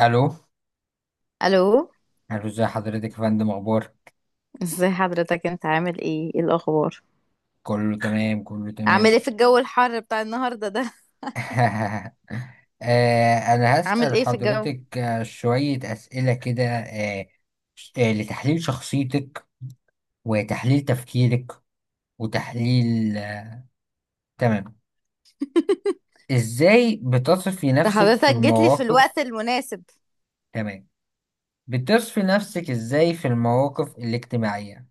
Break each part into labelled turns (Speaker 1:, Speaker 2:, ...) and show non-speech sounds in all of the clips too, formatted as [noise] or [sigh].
Speaker 1: الو
Speaker 2: الو،
Speaker 1: الو. ازي حضرتك يا فندم، اخبار؟
Speaker 2: ازي حضرتك؟ انت عامل ايه؟ ايه الاخبار؟
Speaker 1: كله تمام، كله
Speaker 2: عامل ايه
Speaker 1: تمام.
Speaker 2: في الجو الحر بتاع النهارده ده؟
Speaker 1: [laughs] انا
Speaker 2: عامل
Speaker 1: هسأل
Speaker 2: ايه في الجو؟
Speaker 1: حضرتك، شوية اسئلة كده لتحليل شخصيتك، وتحليل تفكيرك، وتحليل تمام. ازاي بتصفي
Speaker 2: ده
Speaker 1: نفسك في
Speaker 2: حضرتك جيت لي في الوقت
Speaker 1: المواقف؟
Speaker 2: المناسب.
Speaker 1: تمام. بتصفي نفسك ازاي في المواقف الاجتماعية؟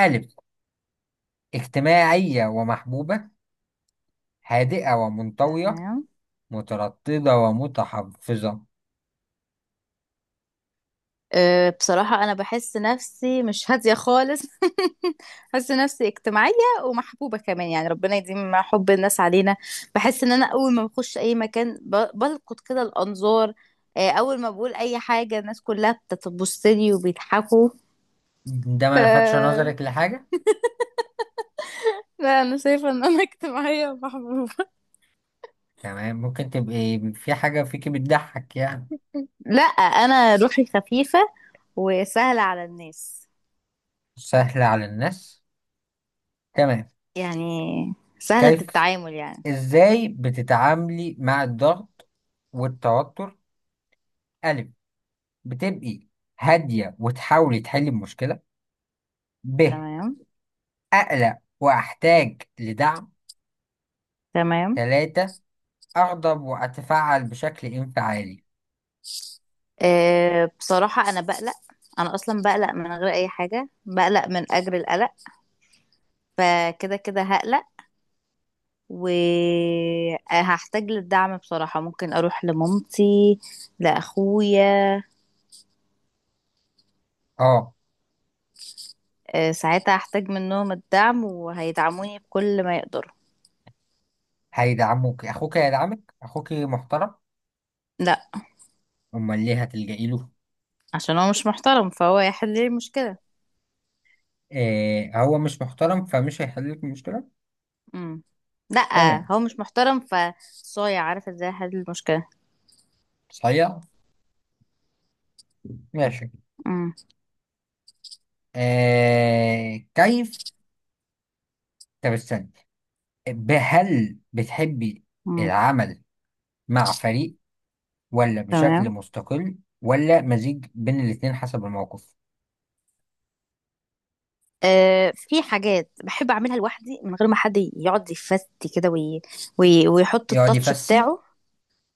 Speaker 1: ألف: اجتماعية ومحبوبة، هادئة ومنطوية،
Speaker 2: تمام.
Speaker 1: مترددة ومتحفظة.
Speaker 2: أه، بصراحة أنا بحس نفسي مش هادية خالص. [laughs] بحس نفسي اجتماعية ومحبوبة كمان، يعني ربنا يديم حب الناس علينا. بحس إن أنا أول ما بخش أي مكان بلقط كده الأنظار. أول ما بقول أي حاجة الناس كلها بتبص لي وبيضحكوا.
Speaker 1: ده ما لفتش نظرك
Speaker 2: [laughs]
Speaker 1: لحاجة؟
Speaker 2: لا، انا شايفه ان انا اجتماعيه ومحبوبه.
Speaker 1: تمام، ممكن تبقي في حاجة فيكي بتضحك يعني.
Speaker 2: لا، انا روحي خفيفة وسهلة على الناس.
Speaker 1: سهلة على الناس. تمام.
Speaker 2: يعني سهلة
Speaker 1: كيف؟
Speaker 2: التعامل يعني.
Speaker 1: ازاي بتتعاملي مع الضغط والتوتر؟ ألف: بتبقي هادية وتحاولي تحلي المشكلة. ب:
Speaker 2: تمام
Speaker 1: أقلق وأحتاج لدعم.
Speaker 2: تمام.
Speaker 1: ثلاثة: أغضب وأتفاعل بشكل انفعالي.
Speaker 2: أه، بصراحة انا بقلق. انا اصلا بقلق من غير اي حاجة، بقلق من اجر القلق، فكده كده هقلق وهحتاج للدعم. بصراحة ممكن اروح لمامتي، لاخويا.
Speaker 1: اه،
Speaker 2: أه، ساعتها هحتاج منهم الدعم وهيدعموني بكل ما يقدروا.
Speaker 1: هيدعموك. أخوك هيدعمك؟ أخوك محترم؟
Speaker 2: لا.
Speaker 1: أمال ليه هتلجئي له؟
Speaker 2: عشان هو مش محترم، فهو هيحل لي المشكلة.
Speaker 1: إيه، هو مش محترم فمش هيحل لك المشكلة.
Speaker 2: امم لا،
Speaker 1: تمام،
Speaker 2: هو مش محترم فصايع، عارفه ازاي احل المشكله.
Speaker 1: صحيح، ماشي.
Speaker 2: امم
Speaker 1: إيه كيف؟ طب استنى، هل بتحبي
Speaker 2: امم
Speaker 1: العمل مع فريق، ولا بشكل
Speaker 2: تمام.
Speaker 1: مستقل، ولا مزيج بين الاتنين حسب الموقف؟
Speaker 2: آه، في حاجات بحب اعملها لوحدي من غير ما حد يقعد يفتي كده ويحط
Speaker 1: يقعد
Speaker 2: التاتش
Speaker 1: يفسي.
Speaker 2: بتاعه.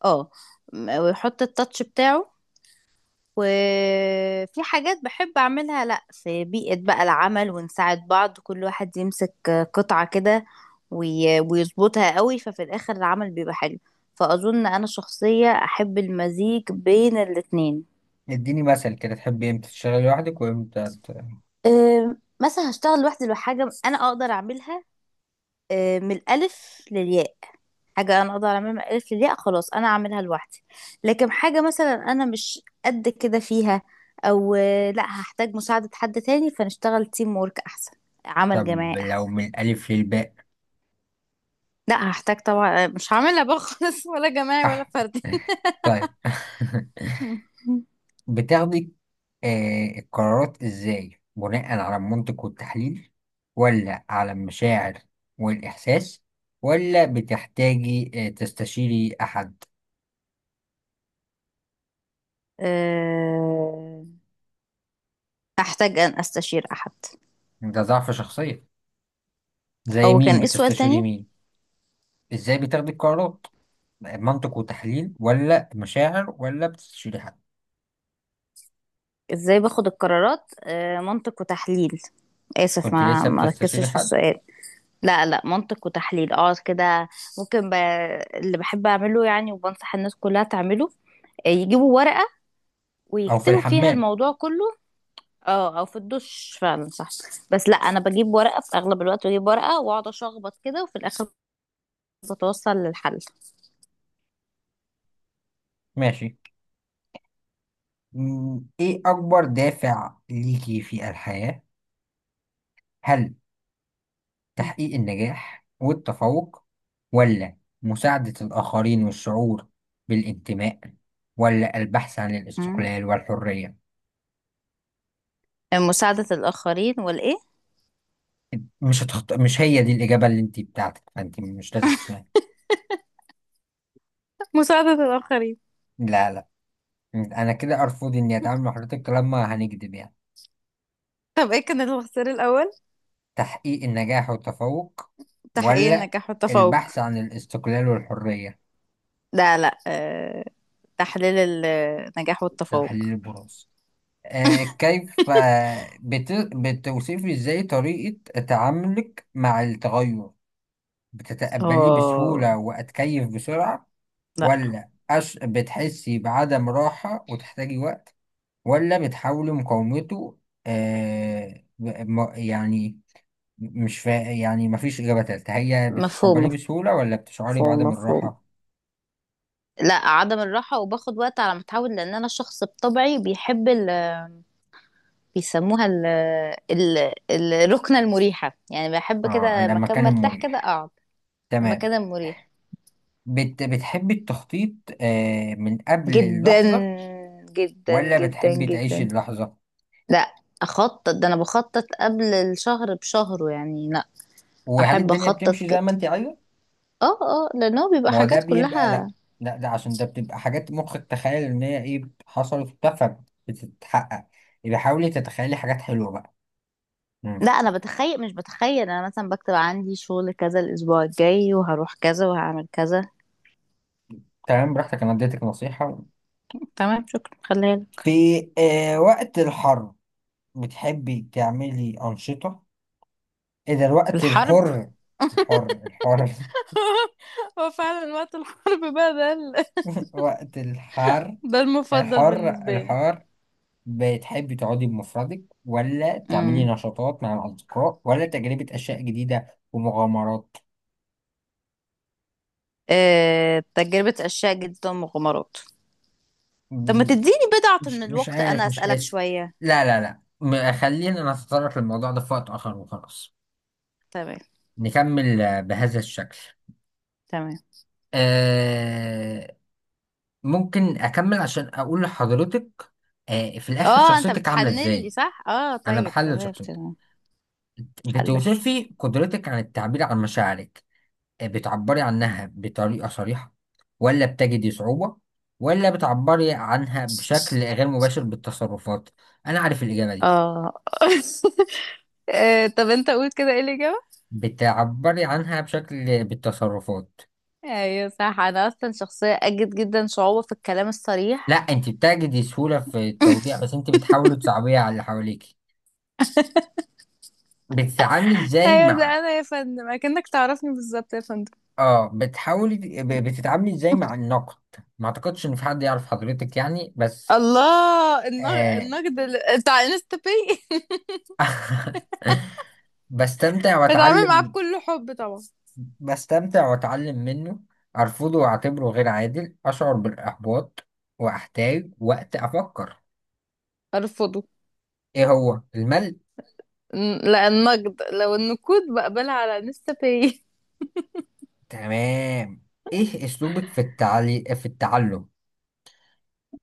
Speaker 2: اه. ويحط التاتش بتاعه. وفي حاجات بحب أعملها لأ، في بيئة بقى العمل ونساعد بعض، كل واحد يمسك قطعة كده ويظبطها قوي، ففي الآخر العمل بيبقى حلو. فأظن أنا شخصية أحب المزيج بين الاتنين.
Speaker 1: اديني مثل كده، تحبي امتى تشتغلي لوحدك وامتى
Speaker 2: مثلا هشتغل لوحدي لو حاجة أنا أقدر أعملها، من الألف للياء. حاجة أنا أقدر أعملها ما قالت لي لأ خلاص، أنا أعملها لوحدي. لكن حاجة مثلا أنا مش قد كده فيها، أو لأ، هحتاج مساعدة حد تاني، فنشتغل تيم وورك أحسن، عمل
Speaker 1: طب
Speaker 2: جماعي
Speaker 1: لو
Speaker 2: أحسن.
Speaker 1: من الألف للباء؟
Speaker 2: لأ، هحتاج طبعا، مش هعملها بقى خالص، ولا جماعي ولا
Speaker 1: أح.
Speaker 2: فردي.
Speaker 1: [laughs] طيب. [laughs]
Speaker 2: [laughs]
Speaker 1: بتاخدي القرارات ازاي؟ بناء على المنطق والتحليل، ولا على المشاعر والإحساس، ولا بتحتاجي تستشيري أحد؟
Speaker 2: آه، هحتاج أن أستشير أحد.
Speaker 1: ده ضعف شخصية. زي
Speaker 2: أو كان
Speaker 1: مين
Speaker 2: إيه السؤال
Speaker 1: بتستشيري؟
Speaker 2: تاني؟
Speaker 1: مين؟ ازاي بتاخدي القرارات؟ منطق وتحليل، ولا مشاعر، ولا بتستشيري حد؟
Speaker 2: ازاي باخد القرارات؟ منطق وتحليل.
Speaker 1: مش
Speaker 2: آسف،
Speaker 1: كنت
Speaker 2: ما
Speaker 1: لسه
Speaker 2: ما
Speaker 1: بتستشيري
Speaker 2: ركزتش في
Speaker 1: حد؟
Speaker 2: السؤال. لا لا، منطق وتحليل، اه كده. ممكن ب... اللي بحب اعمله يعني وبنصح الناس كلها تعمله، يجيبوا ورقة
Speaker 1: أو في
Speaker 2: ويكتبوا فيها
Speaker 1: الحمام.
Speaker 2: الموضوع كله. اه، او في الدش فعلا، صح. بس لا، انا بجيب ورقة في اغلب الوقت، بجيب ورقة واقعد اشخبط كده وفي الاخر بتوصل للحل.
Speaker 1: ماشي. ايه أكبر دافع ليكي في الحياة؟ هل تحقيق النجاح والتفوق، ولا مساعدة الآخرين والشعور بالانتماء، ولا البحث عن
Speaker 2: مم.
Speaker 1: الاستقلال والحرية؟
Speaker 2: مساعدة الآخرين والإيه؟
Speaker 1: مش هي دي الإجابة اللي أنت بتاعتك فأنت مش لازم تسمعها.
Speaker 2: مساعدة الآخرين.
Speaker 1: لا، لا، أنا كده أرفض إني أتعامل مع حضرتك لما هنكذب يعني.
Speaker 2: طب ايه كان الخسر الأول؟
Speaker 1: تحقيق النجاح والتفوق،
Speaker 2: تحقيق
Speaker 1: ولا
Speaker 2: النجاح والتفوق.
Speaker 1: البحث عن الاستقلال والحرية؟
Speaker 2: لا لا، تحليل النجاح والتفوق.
Speaker 1: تحليل البراز. بتوصفي إزاي طريقة تعاملك مع التغير؟ بتتقبليه
Speaker 2: اه.
Speaker 1: بسهولة وأتكيف بسرعة،
Speaker 2: لا،
Speaker 1: ولا بتحسي بعدم راحة وتحتاجي وقت، ولا بتحاولي مقاومته؟ يعني مش فا... يعني مفيش إجابة تالتة، هي بتتقبليه
Speaker 2: مفهوم
Speaker 1: بسهولة ولا بتشعري
Speaker 2: مفهوم
Speaker 1: بعدم
Speaker 2: مفهوم.
Speaker 1: الراحة؟
Speaker 2: لا، عدم الراحة وباخد وقت على ما اتعود، لان انا شخص بطبعي بيحب ال... بيسموها ال... ال... الركنة المريحة. يعني بحب كده
Speaker 1: لما
Speaker 2: مكان
Speaker 1: كان
Speaker 2: مرتاح كده
Speaker 1: مريح.
Speaker 2: اقعد.
Speaker 1: تمام.
Speaker 2: المكان المريح.
Speaker 1: بتحبي التخطيط من قبل
Speaker 2: جدا،
Speaker 1: اللحظة،
Speaker 2: جدا
Speaker 1: ولا
Speaker 2: جدا
Speaker 1: بتحبي تعيشي
Speaker 2: جدا.
Speaker 1: اللحظة؟
Speaker 2: لا. اخطط، ده انا بخطط قبل الشهر بشهره يعني، لا.
Speaker 1: وهل
Speaker 2: احب
Speaker 1: الدنيا
Speaker 2: اخطط
Speaker 1: بتمشي زي
Speaker 2: كده.
Speaker 1: ما انت عايزة؟
Speaker 2: اه اه، لان هو بيبقى
Speaker 1: ما هو ده
Speaker 2: حاجات
Speaker 1: بيبقى
Speaker 2: كلها.
Speaker 1: لا. لا، ده عشان ده بتبقى حاجات مخك تخيل ان هي ايه حصلت وبتاع فبتتحقق. يبقى حاولي تتخيلي حاجات حلوه بقى. مم.
Speaker 2: لا انا بتخيل، مش بتخيل، انا مثلا بكتب عندي شغل كذا الاسبوع الجاي، وهروح كذا وهعمل كذا.
Speaker 1: تمام، براحتك، انا اديتك نصيحه.
Speaker 2: تمام، شكرا، خليها
Speaker 1: في
Speaker 2: لك.
Speaker 1: وقت الحر بتحبي تعملي انشطه اذا الوقت
Speaker 2: الحرب؟
Speaker 1: الحر؟ الحر الحر.
Speaker 2: [laughs] هو فعلا وقت الحرب بقى ده
Speaker 1: [laughs] وقت الحر.
Speaker 2: ده المفضل
Speaker 1: الحر
Speaker 2: بالنسبة لي.
Speaker 1: الحر. بتحبي تقعدي بمفردك، ولا تعملي
Speaker 2: امم
Speaker 1: نشاطات مع الاصدقاء، ولا تجربه اشياء جديده ومغامرات؟
Speaker 2: تجربة أشياء جدا مغامرات. طب ما تديني بضعة من
Speaker 1: مش
Speaker 2: الوقت
Speaker 1: عارف،
Speaker 2: أنا
Speaker 1: مش
Speaker 2: أسألك
Speaker 1: حاسس.
Speaker 2: شوية.
Speaker 1: لا، لا، لا، خلينا نتطرق للموضوع ده في وقت آخر وخلاص.
Speaker 2: تمام
Speaker 1: نكمل بهذا الشكل.
Speaker 2: تمام.
Speaker 1: آه ممكن أكمل عشان أقول لحضرتك في الآخر
Speaker 2: اه، انت
Speaker 1: شخصيتك عاملة
Speaker 2: بتحلل لي
Speaker 1: إزاي.
Speaker 2: صح؟ اه
Speaker 1: أنا
Speaker 2: طيب،
Speaker 1: بحلل
Speaker 2: تمام
Speaker 1: شخصيتك.
Speaker 2: تمام. حلل.
Speaker 1: بتوصفي قدرتك عن التعبير عن مشاعرك؟ بتعبري عنها بطريقة صريحة، ولا بتجدي صعوبة، ولا بتعبري عنها بشكل غير مباشر بالتصرفات؟ أنا عارف الإجابة دي.
Speaker 2: اه. [laughs] طب انت قول كده، ايه الإجابة؟
Speaker 1: بتعبري عنها بشكل بالتصرفات.
Speaker 2: ايوه صح، انا اصلا شخصيه اجد جدا صعوبه في الكلام
Speaker 1: لا،
Speaker 2: الصريح.
Speaker 1: انت بتجدي سهولة في التوضيح بس انت بتحاولي تصعبيها على اللي حواليك. بتتعاملي ازاي
Speaker 2: ايوه، ده
Speaker 1: مع
Speaker 2: انا يا فندم اكنك تعرفني بالظبط يا فندم.
Speaker 1: اه بتحاولي بتتعاملي ازاي مع النقد؟ ما اعتقدش ان في حد يعرف حضرتك يعني بس.
Speaker 2: الله، النقد،
Speaker 1: آه...
Speaker 2: النقد بتاع انستا باي.
Speaker 1: [laughs] بستمتع
Speaker 2: [laughs] بتعامل معاه
Speaker 1: واتعلم.
Speaker 2: بكل حب طبعا.
Speaker 1: بستمتع واتعلم منه. ارفضه واعتبره غير عادل. اشعر بالاحباط واحتاج وقت افكر.
Speaker 2: ارفضه.
Speaker 1: ايه هو الملل؟
Speaker 2: لا النقد، لو النقود بقبلها على انستا باي.
Speaker 1: تمام. ايه اسلوبك في في التعلم؟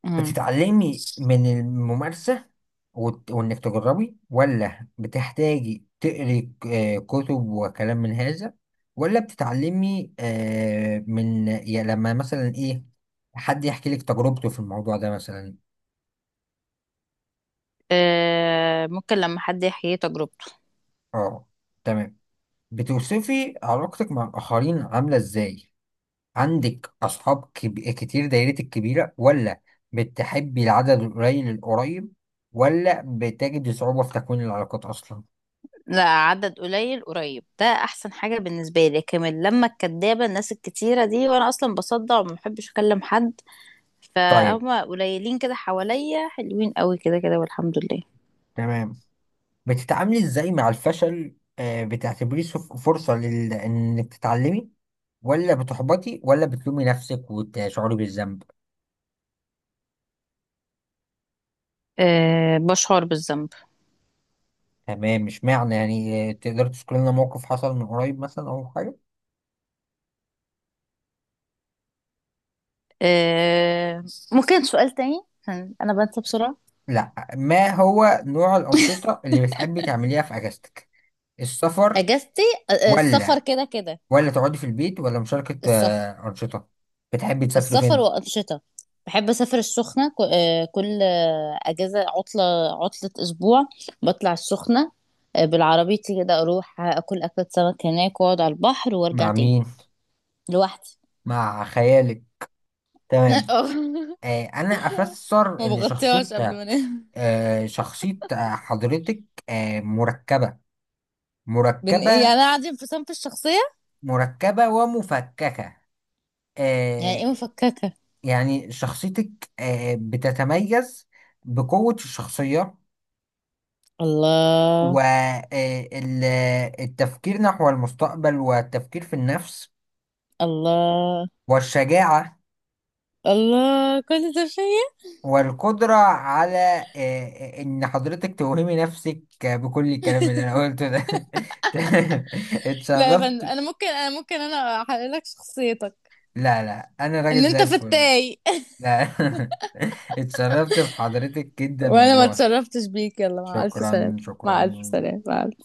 Speaker 2: أمم.
Speaker 1: بتتعلمي من الممارسة وانك تجربي، ولا بتحتاجي تقري كتب وكلام من هذا، ولا بتتعلمي من يا لما مثلا ايه، حد يحكي لك تجربته في الموضوع ده مثلا؟
Speaker 2: ممكن لما حد يحيي تجربته.
Speaker 1: اه، تمام. بتوصفي علاقتك مع الآخرين عاملة ازاي؟ عندك أصحاب كتير، دايرتك كبيرة، ولا بتحبي العدد القليل القريب، ولا بتجدي صعوبة في تكوين العلاقات أصلا؟
Speaker 2: لا، عدد قليل قريب ده احسن حاجه بالنسبه لي. لكن لما الكدابه الناس الكتيره دي، وانا اصلا بصدع وما بحبش اكلم حد،
Speaker 1: طيب.
Speaker 2: فهم قليلين كده حواليا، حلوين قوي كده كده، والحمد لله.
Speaker 1: تمام. بتتعاملي إزاي مع الفشل؟ بتعتبريه فرصة إنك تتعلمي، ولا بتحبطي، ولا بتلومي نفسك وتشعري بالذنب؟
Speaker 2: أه، بشعر بالذنب.
Speaker 1: تمام، مش معنى يعني. تقدر تذكر لنا موقف حصل من قريب مثلا أو حاجة؟
Speaker 2: أه، ممكن سؤال تاني عشان انا بنسى بسرعة.
Speaker 1: لا، ما هو نوع الأنشطة اللي بتحبي تعمليها في أجازتك؟ السفر،
Speaker 2: اجازتي؟ أه، السفر
Speaker 1: ولا
Speaker 2: كده كده.
Speaker 1: ولا تقعدي في البيت، ولا مشاركة
Speaker 2: السفر.
Speaker 1: أنشطة؟ بتحبي تسافري
Speaker 2: السفر
Speaker 1: فين؟
Speaker 2: وانشطه. بحب اسافر السخنه، كل اجازه، عطله اسبوع بطلع السخنه. بالعربيتي كده، اروح اكل اكله سمك هناك واقعد على البحر وارجع
Speaker 1: مع
Speaker 2: تاني.
Speaker 1: مين؟
Speaker 2: لوحدي.
Speaker 1: مع خيالك.
Speaker 2: [laughs]
Speaker 1: تمام.
Speaker 2: اه،
Speaker 1: أنا أفسر
Speaker 2: ما
Speaker 1: إن
Speaker 2: بغطيهاش قبل
Speaker 1: شخصية
Speaker 2: ما انام.
Speaker 1: آه شخصية آه، حضرتك آه مركبة،
Speaker 2: بن ايه يعني؟
Speaker 1: مركبة
Speaker 2: انا قاعدة انفصام في صنف الشخصية.
Speaker 1: مركبة ومفككة.
Speaker 2: يعني ايه
Speaker 1: آه
Speaker 2: مفككة؟
Speaker 1: يعني شخصيتك بتتميز بقوة الشخصية،
Speaker 2: الله.
Speaker 1: والتفكير نحو المستقبل، والتفكير في النفس،
Speaker 2: الله.
Speaker 1: والشجاعة،
Speaker 2: الله كل ده فيا.
Speaker 1: والقدرة على إن حضرتك توهمي نفسك بكل الكلام اللي أنا قلته ده. [laughs]
Speaker 2: لا يا فندم،
Speaker 1: اتشرفت.
Speaker 2: انا ممكن، انا ممكن انا احلل لك شخصيتك.
Speaker 1: لا، لا، أنا راجل
Speaker 2: ان
Speaker 1: زي
Speaker 2: انت
Speaker 1: الفل.
Speaker 2: فتاي. [laughs]
Speaker 1: لا. [laughs] اتشرفت بحضرتك جدا
Speaker 2: وانا ما
Speaker 1: والله.
Speaker 2: اتشرفتش بيك، يلا مع الف سلامة.
Speaker 1: شكرا،
Speaker 2: مع الف
Speaker 1: شكرا.
Speaker 2: سلامة، مع الف